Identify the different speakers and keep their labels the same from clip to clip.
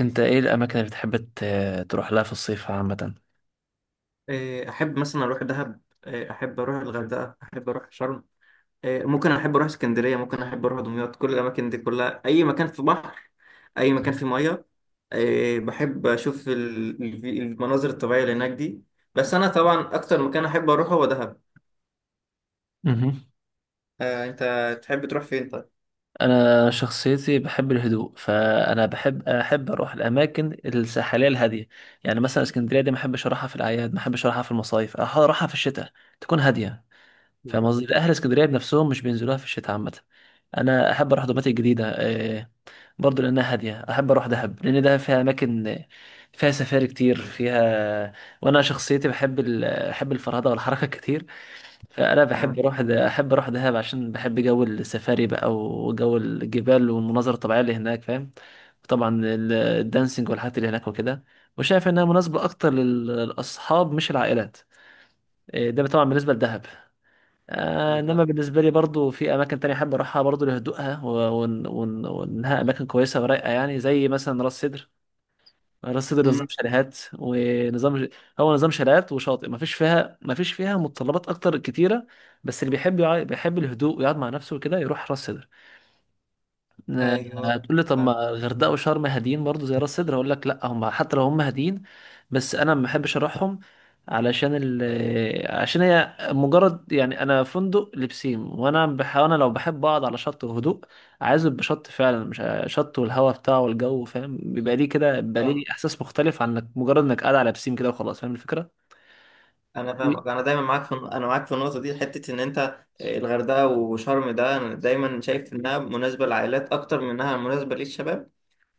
Speaker 1: انت ايه الاماكن اللي بتحب تروح لها في الصيف عامه؟
Speaker 2: إيه، احب مثلا اروح دهب. إيه، احب اروح الغردقه، احب اروح شرم. إيه، ممكن احب اروح اسكندريه، ممكن احب اروح دمياط. كل الاماكن دي كلها اي مكان في بحر، اي مكان في ميه. إيه، بحب اشوف المناظر الطبيعيه اللي هناك دي. بس انا طبعا اكتر مكان احب اروحه هو دهب.
Speaker 1: مهم.
Speaker 2: آه، انت تحب تروح فين طيب؟
Speaker 1: انا شخصيتي بحب الهدوء، فانا بحب اروح الاماكن الساحليه الهاديه. يعني مثلا اسكندريه دي ما احبش اروحها في الاعياد، ما احبش اروحها في المصايف، اروحها في الشتاء تكون هاديه. فاهم
Speaker 2: بالظبط.
Speaker 1: قصدي؟ اهل اسكندريه بنفسهم مش بينزلوها في الشتاء عامه. انا احب اروح دوماتيك الجديده، برضو لانها هاديه. احب اروح دهب لان دهب فيها اماكن، فيها سفاري كتير فيها. وانا شخصيتي بحب الفرهده والحركه كتير. فأنا بحب
Speaker 2: آه.
Speaker 1: أروح أحب أروح دهب عشان بحب جو السفاري بقى وجو الجبال والمناظر الطبيعية اللي هناك. فاهم؟ طبعا الدانسينج والحاجات اللي هناك وكده، وشايف إنها مناسبة أكتر للأصحاب مش العائلات. إيه، ده طبعا بالنسبة لدهب. آه،
Speaker 2: بالظبط.
Speaker 1: إنما بالنسبة لي برضو في أماكن تانية أحب أروحها برضو لهدوءها وإنها أماكن كويسة ورايقة، يعني زي مثلا راس سدر. راس سدر نظام
Speaker 2: مم.
Speaker 1: شاليهات ونظام، هو نظام شاليهات وشاطئ. ما فيش فيها متطلبات اكتر كتيره. بس اللي بيحب الهدوء ويقعد مع نفسه وكده يروح راس سدر. آه،
Speaker 2: ايوه.
Speaker 1: هتقول لي طب
Speaker 2: فاهم.
Speaker 1: ما الغردقه وشرم هاديين برضو زي راس سدر؟ هقول لك لا، هم حتى لو هم هاديين بس انا ما بحبش اروحهم، علشان ال، عشان هي مجرد يعني انا فندق لبسين، انا لو بحب اقعد على شط وهدوء عايز يبقى شط فعلا، مش شط والهواء بتاعه والجو. فاهم؟ بيبقى ليه كده، بيبقى ليه احساس مختلف عن انك مجرد انك قاعد على بسين كده وخلاص. فاهم الفكره؟
Speaker 2: انا فاهمك، انا معاك في النقطه دي، حته ان انت. آه، الغردقه وشرم ده انا دايما شايف انها مناسبه للعائلات اكتر من انها مناسبه للشباب.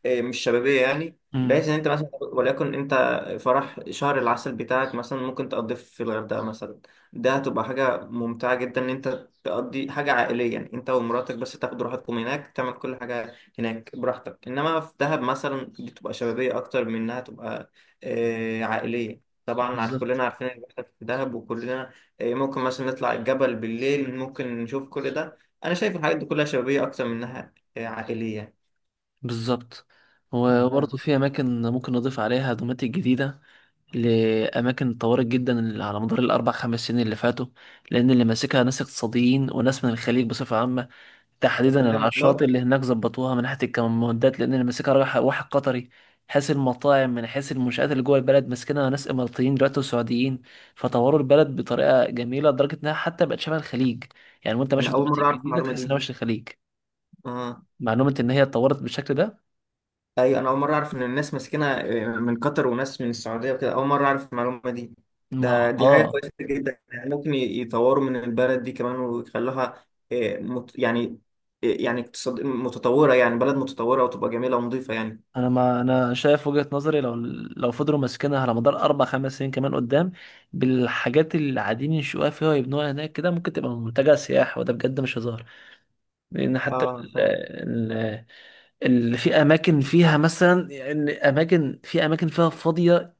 Speaker 2: إيه، مش شبابية، يعني بحيث
Speaker 1: امم
Speaker 2: ان انت مثلا وليكن انت فرح شهر العسل بتاعك مثلا ممكن تقضيه في الغردقة مثلا. ده هتبقى حاجة ممتعة جدا ان انت تقضي حاجة عائلية، يعني انت ومراتك بس تاخدوا راحتكم هناك، تعمل كل حاجة هناك براحتك. انما في دهب مثلا دي بتبقى شبابية اكتر من انها تبقى عائلية. طبعا
Speaker 1: بالظبط.
Speaker 2: كلنا عارفين اللي بيحصل في دهب، وكلنا آه، ممكن مثلا نطلع الجبل بالليل، ممكن نشوف كل ده. انا شايف الحاجات دي كلها شبابية اكتر من انها عائلية.
Speaker 1: بالظبط، وبرضه في اماكن ممكن نضيف عليها دوماتيك جديده، لأماكن اتطورت جدا اللي على مدار الأربع خمس سنين اللي فاتوا. لأن اللي ماسكها ناس اقتصاديين وناس من الخليج بصفة عامة،
Speaker 2: يا
Speaker 1: تحديدا على
Speaker 2: سلام والله.
Speaker 1: الشاطئ اللي هناك، ظبطوها من ناحية الكمامودات. لأن اللي ماسكها واحد قطري، حيث المطاعم، من حيث المنشآت اللي جوه البلد ماسكينها ناس إماراتيين دلوقتي وسعوديين. فطوروا البلد بطريقة جميلة لدرجة إنها حتى بقت شبه الخليج. يعني وأنت ماشي
Speaker 2: انا
Speaker 1: في
Speaker 2: اول
Speaker 1: دمياط
Speaker 2: مره اعرف
Speaker 1: الجديدة
Speaker 2: المعلومه
Speaker 1: تحس إنها
Speaker 2: دي.
Speaker 1: مش الخليج.
Speaker 2: اه.
Speaker 1: معلومة إن هي اتطورت بالشكل ده.
Speaker 2: ايوه، انا اول مره اعرف ان الناس ماسكينها آه، من قطر وناس من السعوديه وكده. اول مره اعرف المعلومه دي.
Speaker 1: ما
Speaker 2: دي حاجه
Speaker 1: آه
Speaker 2: كويسه جدا، يعني ممكن يطوروا من البلد دي كمان ويخلوها يعني آه، يعني اقتصاد متطوره، يعني بلد متطوره وتبقى جميله ونظيفه يعني.
Speaker 1: انا ما انا شايف وجهة نظري، لو لو فضلوا ماسكينها على مدار اربع خمس سنين كمان قدام بالحاجات اللي قاعدين ينشئوها فيها ويبنوها هناك كده، ممكن تبقى منتجع سياحي، وده بجد مش هزار. لان حتى
Speaker 2: اه فعلا.
Speaker 1: اللي في اماكن فيها مثلا، يعني اماكن، في اماكن فيها فاضيه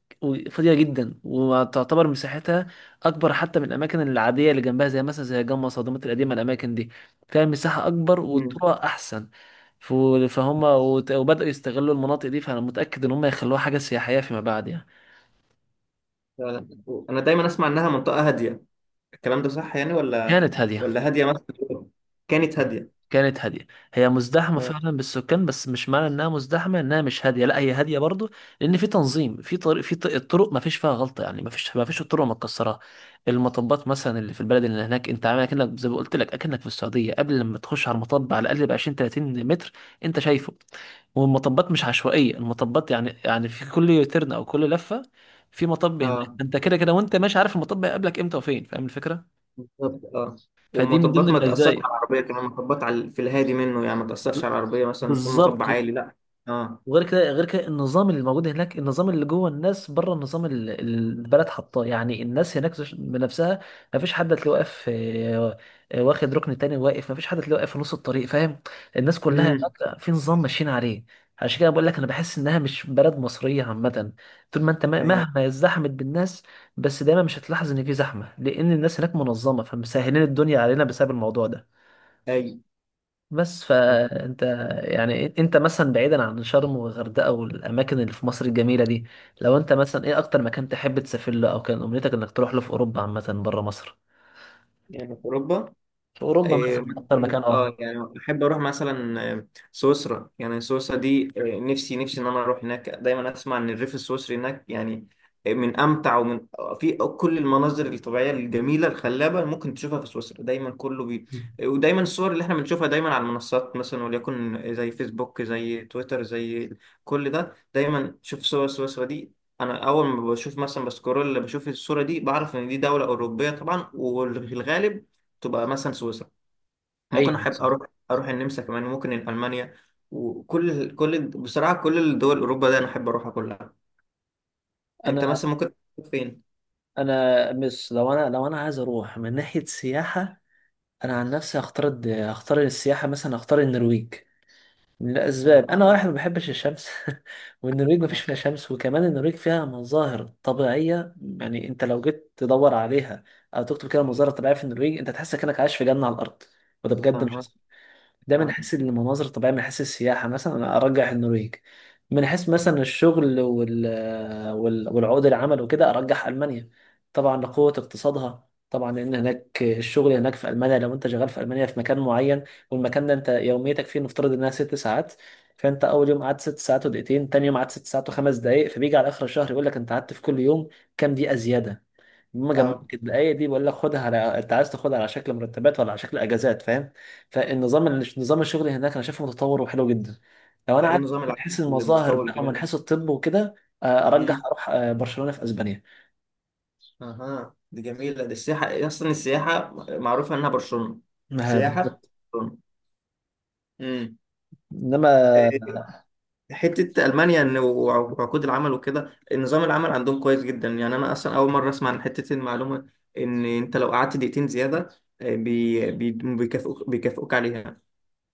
Speaker 1: فاضيه جدا وتعتبر مساحتها اكبر حتى من الاماكن العاديه اللي جنبها، زي مثلا زي جمصة صدمات القديمه. الاماكن دي فيها مساحه اكبر
Speaker 2: امم.
Speaker 1: والطرق احسن. ف- وبداوا يستغلوا المناطق دي، فانا متاكد ان هم يخلوها حاجه سياحيه فيما بعد يعني.
Speaker 2: فعلا. انا دايما اسمع انها منطقه هاديه. الكلام ده صح يعني ولا
Speaker 1: كانت هاديه،
Speaker 2: ولا هاديه مثلا؟ كانت هاديه.
Speaker 1: كانت هادية. هي مزدحمة فعلا بالسكان، بس مش معنى انها مزدحمة انها مش هادية، لا هي هادية برضو. لان في تنظيم، في طريق، في الطرق ما فيش فيها غلطة يعني. ما فيش الطرق متكسرة. المطبات مثلا اللي في البلد اللي هناك، انت عامل اكنك زي ما قلت لك اكنك في السعودية. قبل لما تخش على المطب على الاقل ب 20 30 متر انت شايفه. والمطبات مش عشوائية، المطبات يعني في كل ترن او كل لفة في مطب هناك.
Speaker 2: اه.
Speaker 1: انت كده كده وانت ماشي عارف المطب هيقابلك امتى وفين. فاهم الفكرة؟
Speaker 2: بالظبط اه.
Speaker 1: فدي من ضمن
Speaker 2: والمطبات ما تأثرش على
Speaker 1: المزايا.
Speaker 2: العربية كمان، مطبات على في الهادي منه يعني، ما تأثرش على العربية مثلا يكون مطب
Speaker 1: بالظبط.
Speaker 2: عالي، لا. اه.
Speaker 1: وغير كده غير كده النظام اللي موجود هناك، النظام اللي جوه الناس، بره النظام اللي البلد حطاه. يعني الناس هناك بنفسها ما فيش حد هتلاقيه واقف، واخد ركن تاني واقف، ما فيش حد هتلاقيه واقف في نص الطريق. فاهم؟ الناس كلها
Speaker 2: امم.
Speaker 1: هناك في نظام ماشيين عليه. عشان كده بقول لك انا بحس انها مش بلد مصريه عامه. طول ما انت
Speaker 2: اي.
Speaker 1: مهما ازدحمت بالناس بس دايما مش هتلاحظ ان في زحمه، لان الناس هناك منظمه فمسهلين الدنيا علينا بسبب الموضوع ده.
Speaker 2: اي.
Speaker 1: بس فانت، يعني انت مثلا بعيدا عن شرم والغردقه والاماكن اللي في مصر الجميله دي، لو انت مثلا ايه اكتر مكان تحب تسافر له او كان امنيتك انك تروح له في اوروبا عامه بره مصر؟
Speaker 2: يعني في أوروبا.
Speaker 1: في اوروبا
Speaker 2: إيه،
Speaker 1: مثلا اكتر
Speaker 2: مثلا
Speaker 1: مكان، اه
Speaker 2: يعني احب اروح مثلا آه، سويسرا. يعني سويسرا دي آه، نفسي نفسي ان انا اروح هناك. دايما اسمع ان الريف السويسري هناك يعني آه، من امتع ومن آه، في كل المناظر الطبيعيه الجميله الخلابه ممكن تشوفها في سويسرا. دايما كله آه، ودايما الصور اللي احنا بنشوفها دايما على المنصات مثلا وليكن زي فيسبوك زي تويتر، زي كل ده. دايما شوف صور سويسرا دي، انا اول ما بشوف مثلا بسكرول بشوف الصوره دي بعرف ان دي دوله اوروبيه طبعا، وفي الغالب تبقى مثلا سويسرا. ممكن
Speaker 1: ايوه.
Speaker 2: احب اروح النمسا كمان، وممكن المانيا. وكل كل بصراحه كل الدول اوروبا ده انا احب اروحها كلها. انت
Speaker 1: انا
Speaker 2: مثلا ممكن تروح فين؟
Speaker 1: انا مش لو انا لو انا عايز اروح من ناحيه سياحه، انا عن نفسي هختار السياحه مثلا، هختار النرويج.
Speaker 2: اها.
Speaker 1: لأسباب، أنا واحد ما بحبش الشمس والنرويج ما فيش فيها شمس، وكمان النرويج فيها مظاهر طبيعية. يعني أنت لو جيت تدور عليها أو تكتب كده مظاهر طبيعية في النرويج، أنت تحس كأنك عايش في جنة على الأرض. وده بجد
Speaker 2: اها.
Speaker 1: مش، ده من
Speaker 2: فاهم.
Speaker 1: حيث المناظر الطبيعية، من حيث السياحة مثلا أنا أرجح النرويج. من حيث مثلا الشغل والعقود العمل وكده أرجح ألمانيا، طبعا لقوة اقتصادها. طبعا لأن هناك الشغل، هناك في ألمانيا لو أنت شغال في ألمانيا في مكان معين، والمكان ده أنت يوميتك فيه نفترض إنها ست ساعات، فأنت أول يوم قعدت ست ساعات ودقيقتين، تاني يوم قعدت ست ساعات وخمس دقايق، فبيجي على آخر الشهر يقول لك أنت قعدت في كل يوم كام دقيقة زيادة. بما جمعت
Speaker 2: اه.
Speaker 1: الدقايق دي بقول لك خدها، على أنت عايز تاخدها على شكل مرتبات ولا على شكل أجازات. فاهم؟ فالنظام، نظام الشغل هناك انا شايفه متطور وحلو جدا. لو
Speaker 2: ده
Speaker 1: انا
Speaker 2: ايه
Speaker 1: عايز
Speaker 2: نظام
Speaker 1: من
Speaker 2: العالم
Speaker 1: حيث المظاهر
Speaker 2: المتطور
Speaker 1: بقى ومن
Speaker 2: الجديد ده؟
Speaker 1: حيث الطب وكده،
Speaker 2: مم.
Speaker 1: ارجح اروح برشلونه في اسبانيا.
Speaker 2: اها، دي جميله، دي السياحه، اصلا السياحه معروفه انها برشلونه.
Speaker 1: آه،
Speaker 2: سياحه.
Speaker 1: بالظبط.
Speaker 2: برشلونه. امم.
Speaker 1: انما،
Speaker 2: حتة ألمانيا إن وعقود العمل وكده، نظام العمل عندهم كويس جدا يعني. أنا أصلا أول مرة أسمع عن حتة المعلومة إن أنت لو قعدت دقيقتين زيادة آه، بي بي بيكافئوك عليها.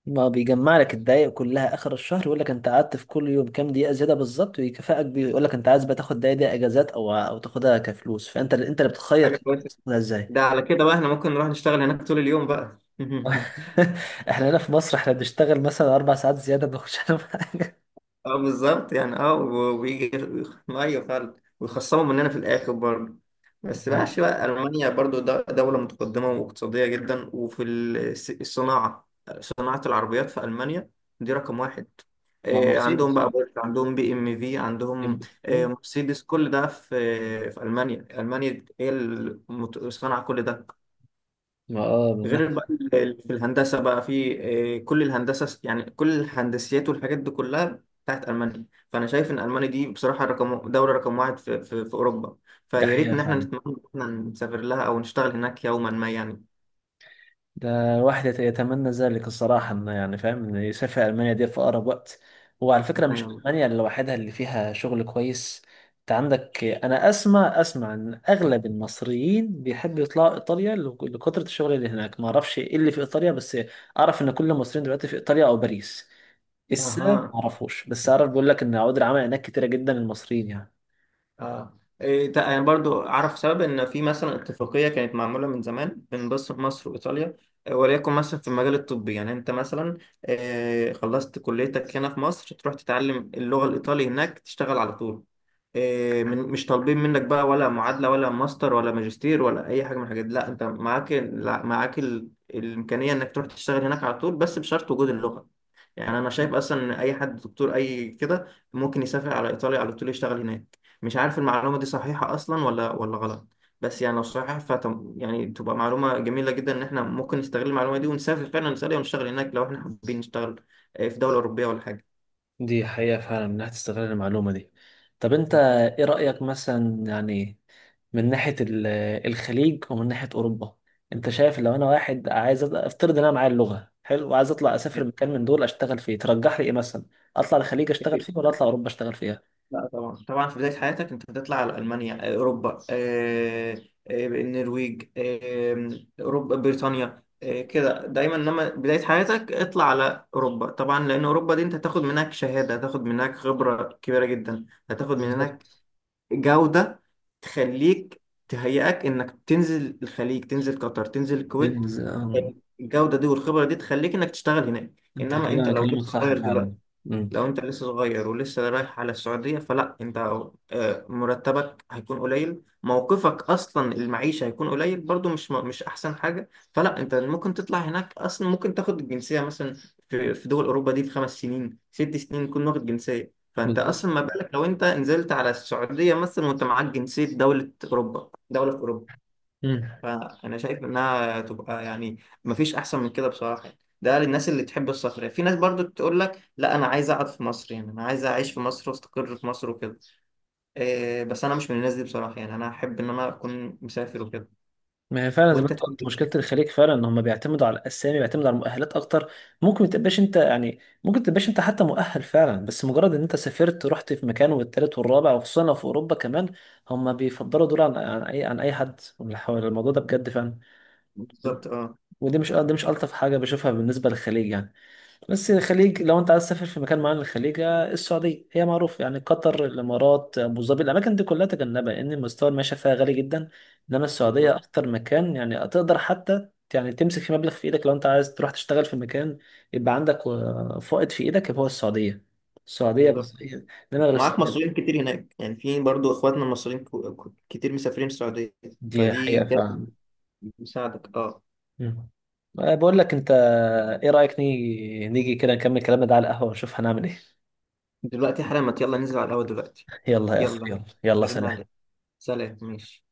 Speaker 1: ما بيجمع لك الدقايق كلها اخر الشهر يقول لك انت قعدت في كل يوم كام دقيقه زياده بالظبط ويكافئك بيه، يقول لك انت عايز بقى تاخد الدقايق دي اجازات او او تاخدها كفلوس. انت اللي بتخير
Speaker 2: حاجة
Speaker 1: كمان
Speaker 2: كويسة.
Speaker 1: تاخدها ازاي.
Speaker 2: ده على كده بقى إحنا ممكن نروح نشتغل هناك طول اليوم بقى.
Speaker 1: احنا هنا في مصر احنا بنشتغل مثلا اربع ساعات زياده ما بناخدش عنهم حاجه.
Speaker 2: أه بالظبط يعني، ويجي. أيوه فعلا، ويخصموا مننا في الآخر برضه. بس بقى عشان بقى ألمانيا برضو دولة متقدمة واقتصادية جدا، وفي الصناعة. صناعة العربيات في ألمانيا دي رقم واحد.
Speaker 1: مع
Speaker 2: إيه، عندهم
Speaker 1: مرسيدس.
Speaker 2: بقى بورش، عندهم BMW، عندهم إيه،
Speaker 1: مم.
Speaker 2: مرسيدس. كل ده في ألمانيا. ألمانيا هي اللي صنع كل ده.
Speaker 1: ما اه،
Speaker 2: غير بقى في الهندسة بقى، في آه، كل الهندسة. يعني كل الهندسيات والحاجات دي كلها بتاعت ألمانيا. فأنا شايف إن ألمانيا دي بصراحة دولة رقم واحد في أوروبا.
Speaker 1: ده
Speaker 2: فيا ريت
Speaker 1: حقيقة
Speaker 2: إن إحنا
Speaker 1: فعلا.
Speaker 2: نتمنى إن إحنا نسافر لها أو نشتغل هناك يوما ما يعني.
Speaker 1: ده الواحد يتمنى ذلك الصراحة، إنه يعني فاهم إنه يسافر ألمانيا دي في أقرب وقت. وعلى فكرة مش
Speaker 2: أيوة.
Speaker 1: ألمانيا لوحدها اللي فيها شغل كويس. أنت عندك، أنا أسمع إن أغلب المصريين بيحبوا يطلعوا إيطاليا لكثرة الشغل اللي هناك. ما أعرفش إيه اللي في إيطاليا، بس أعرف إن كل المصريين دلوقتي في إيطاليا أو باريس. السبب
Speaker 2: أها.
Speaker 1: ما أعرفوش، بس أعرف بيقول لك إن عقود العمل هناك كتيرة جدا للمصريين يعني.
Speaker 2: اه إيه يعني برضو اعرف سبب ان في مثلا اتفاقيه كانت معموله من زمان بين مصر وايطاليا آه، وليكن مثلا في المجال الطبي. يعني انت مثلا آه، خلصت كليتك هنا في مصر، تروح تتعلم اللغه الايطالي هناك تشتغل على طول. آه، من مش طالبين منك بقى ولا معادله ولا ماستر ولا ماجستير، ولا اي حاجه من الحاجات دي. لا، انت معاك الامكانيه انك تروح تشتغل هناك على طول، بس بشرط وجود اللغه. يعني انا شايف اصلا ان اي حد دكتور اي كده ممكن يسافر على ايطاليا على طول يشتغل هناك. مش عارف المعلومة دي صحيحة أصلا ولا غلط. بس يعني لو صحيحة فتم، يعني تبقى معلومة جميلة جدا إن إحنا ممكن نستغل المعلومة دي ونسافر فعلا، نسافر ونشتغل هناك لو إحنا حابين نشتغل آه، في دولة أوروبية ولا حاجة.
Speaker 1: دي حقيقة فعلا إنها تستغل المعلومة دي. طب أنت إيه رأيك مثلا يعني، من ناحية الخليج ومن ناحية أوروبا، أنت شايف لو أنا واحد عايز أبدأ، أفترض إن أنا معايا اللغة حلو وعايز أطلع أسافر مكان من دول أشتغل فيه، ترجح لي إيه مثلا؟ أطلع الخليج أشتغل فيه ولا أطلع أوروبا أشتغل فيها؟
Speaker 2: لا طبعا، طبعا في بداية حياتك أنت بتطلع على ألمانيا آه، أوروبا آه، آه، النرويج آه، أوروبا، بريطانيا آه، كده. دايما لما بداية حياتك اطلع على أوروبا طبعا، لأن أوروبا دي أنت هتاخد منك شهادة، هتاخد منك خبرة كبيرة جدا، هتاخد منك
Speaker 1: بالظبط.
Speaker 2: جودة، تخليك تهيئك انك تنزل الخليج، تنزل قطر، تنزل الكويت.
Speaker 1: إنز- آم،
Speaker 2: الجودة دي والخبرة دي تخليك انك تشتغل هناك.
Speaker 1: أنت كده،
Speaker 2: انما انت لو
Speaker 1: كلامك
Speaker 2: لسه
Speaker 1: صح
Speaker 2: صغير دلوقتي،
Speaker 1: فعلا. مم.
Speaker 2: لو انت لسه صغير ولسه رايح على السعودية، فلا انت آه، مرتبك هيكون قليل، موقفك اصلا المعيشة هيكون قليل برضو، مش احسن حاجة. فلا، انت ممكن تطلع هناك اصلا، ممكن تاخد الجنسية مثلا في دول اوروبا دي، في 5 سنين 6 سنين تكون واخد جنسية. فانت
Speaker 1: بالظبط.
Speaker 2: اصلا ما بالك لو انت نزلت على السعودية مثلا وانت معاك جنسية دولة في اوروبا. فانا شايف انها تبقى يعني مفيش احسن من كده بصراحه يعني. ده للناس اللي تحب السفر يعني. في ناس برضو تقول لك لا، انا عايز اقعد في مصر، يعني انا عايز اعيش في مصر واستقر في مصر وكده. إيه، بس انا مش من الناس دي بصراحه يعني، انا احب ان انا اكون مسافر وكده.
Speaker 1: ما هي فعلا زي ما
Speaker 2: وانت
Speaker 1: انت
Speaker 2: تحب
Speaker 1: قلت،
Speaker 2: إيه؟
Speaker 1: مشكله الخليج فعلا ان هم بيعتمدوا على الاسامي، بيعتمدوا على المؤهلات اكتر. ممكن ما تبقاش انت يعني، ممكن ما تبقاش انت حتى مؤهل فعلا، بس مجرد ان انت سافرت رحت في مكان والتالت والرابع، وخصوصا لو في اوروبا كمان، هم بيفضلوا دول عن عن اي حد من اللي حوالي. الموضوع ده بجد فعلا.
Speaker 2: بالظبط اه.
Speaker 1: ودي مش الطف حاجه بشوفها بالنسبه للخليج يعني. بس الخليج، لو انت عايز تسافر في مكان معين الخليج، آه، السعوديه هي معروف يعني. قطر، الامارات، ابو ظبي، الاماكن دي كلها تجنبها لان المستوى المعيشه فيها غالي جدا. انما السعوديه
Speaker 2: بالظبط.
Speaker 1: اكتر مكان يعني تقدر حتى يعني تمسك في مبلغ في ايدك، لو انت عايز تروح تشتغل في مكان يبقى عندك فائض في ايدك، يبقى هو السعوديه. السعوديه
Speaker 2: بالظبط.
Speaker 1: بس هي، انما غير
Speaker 2: معاك
Speaker 1: السعوديه لا.
Speaker 2: مصريين كتير هناك يعني، في برضو اخواتنا المصريين كتير مسافرين السعوديه.
Speaker 1: دي
Speaker 2: فدي
Speaker 1: حقيقه
Speaker 2: جاية
Speaker 1: فعلا.
Speaker 2: تساعدك اه.
Speaker 1: مم. بقول لك انت، ايه رايك نيجي كده نكمل كلامنا ده على القهوه ونشوف هنعمل ايه؟
Speaker 2: دلوقتي حالا، ما يلا ننزل على القهوه دلوقتي.
Speaker 1: يلا يا اخو،
Speaker 2: يلا.
Speaker 1: يلا يلا
Speaker 2: هرن
Speaker 1: سلام.
Speaker 2: عليك. سلام ماشي.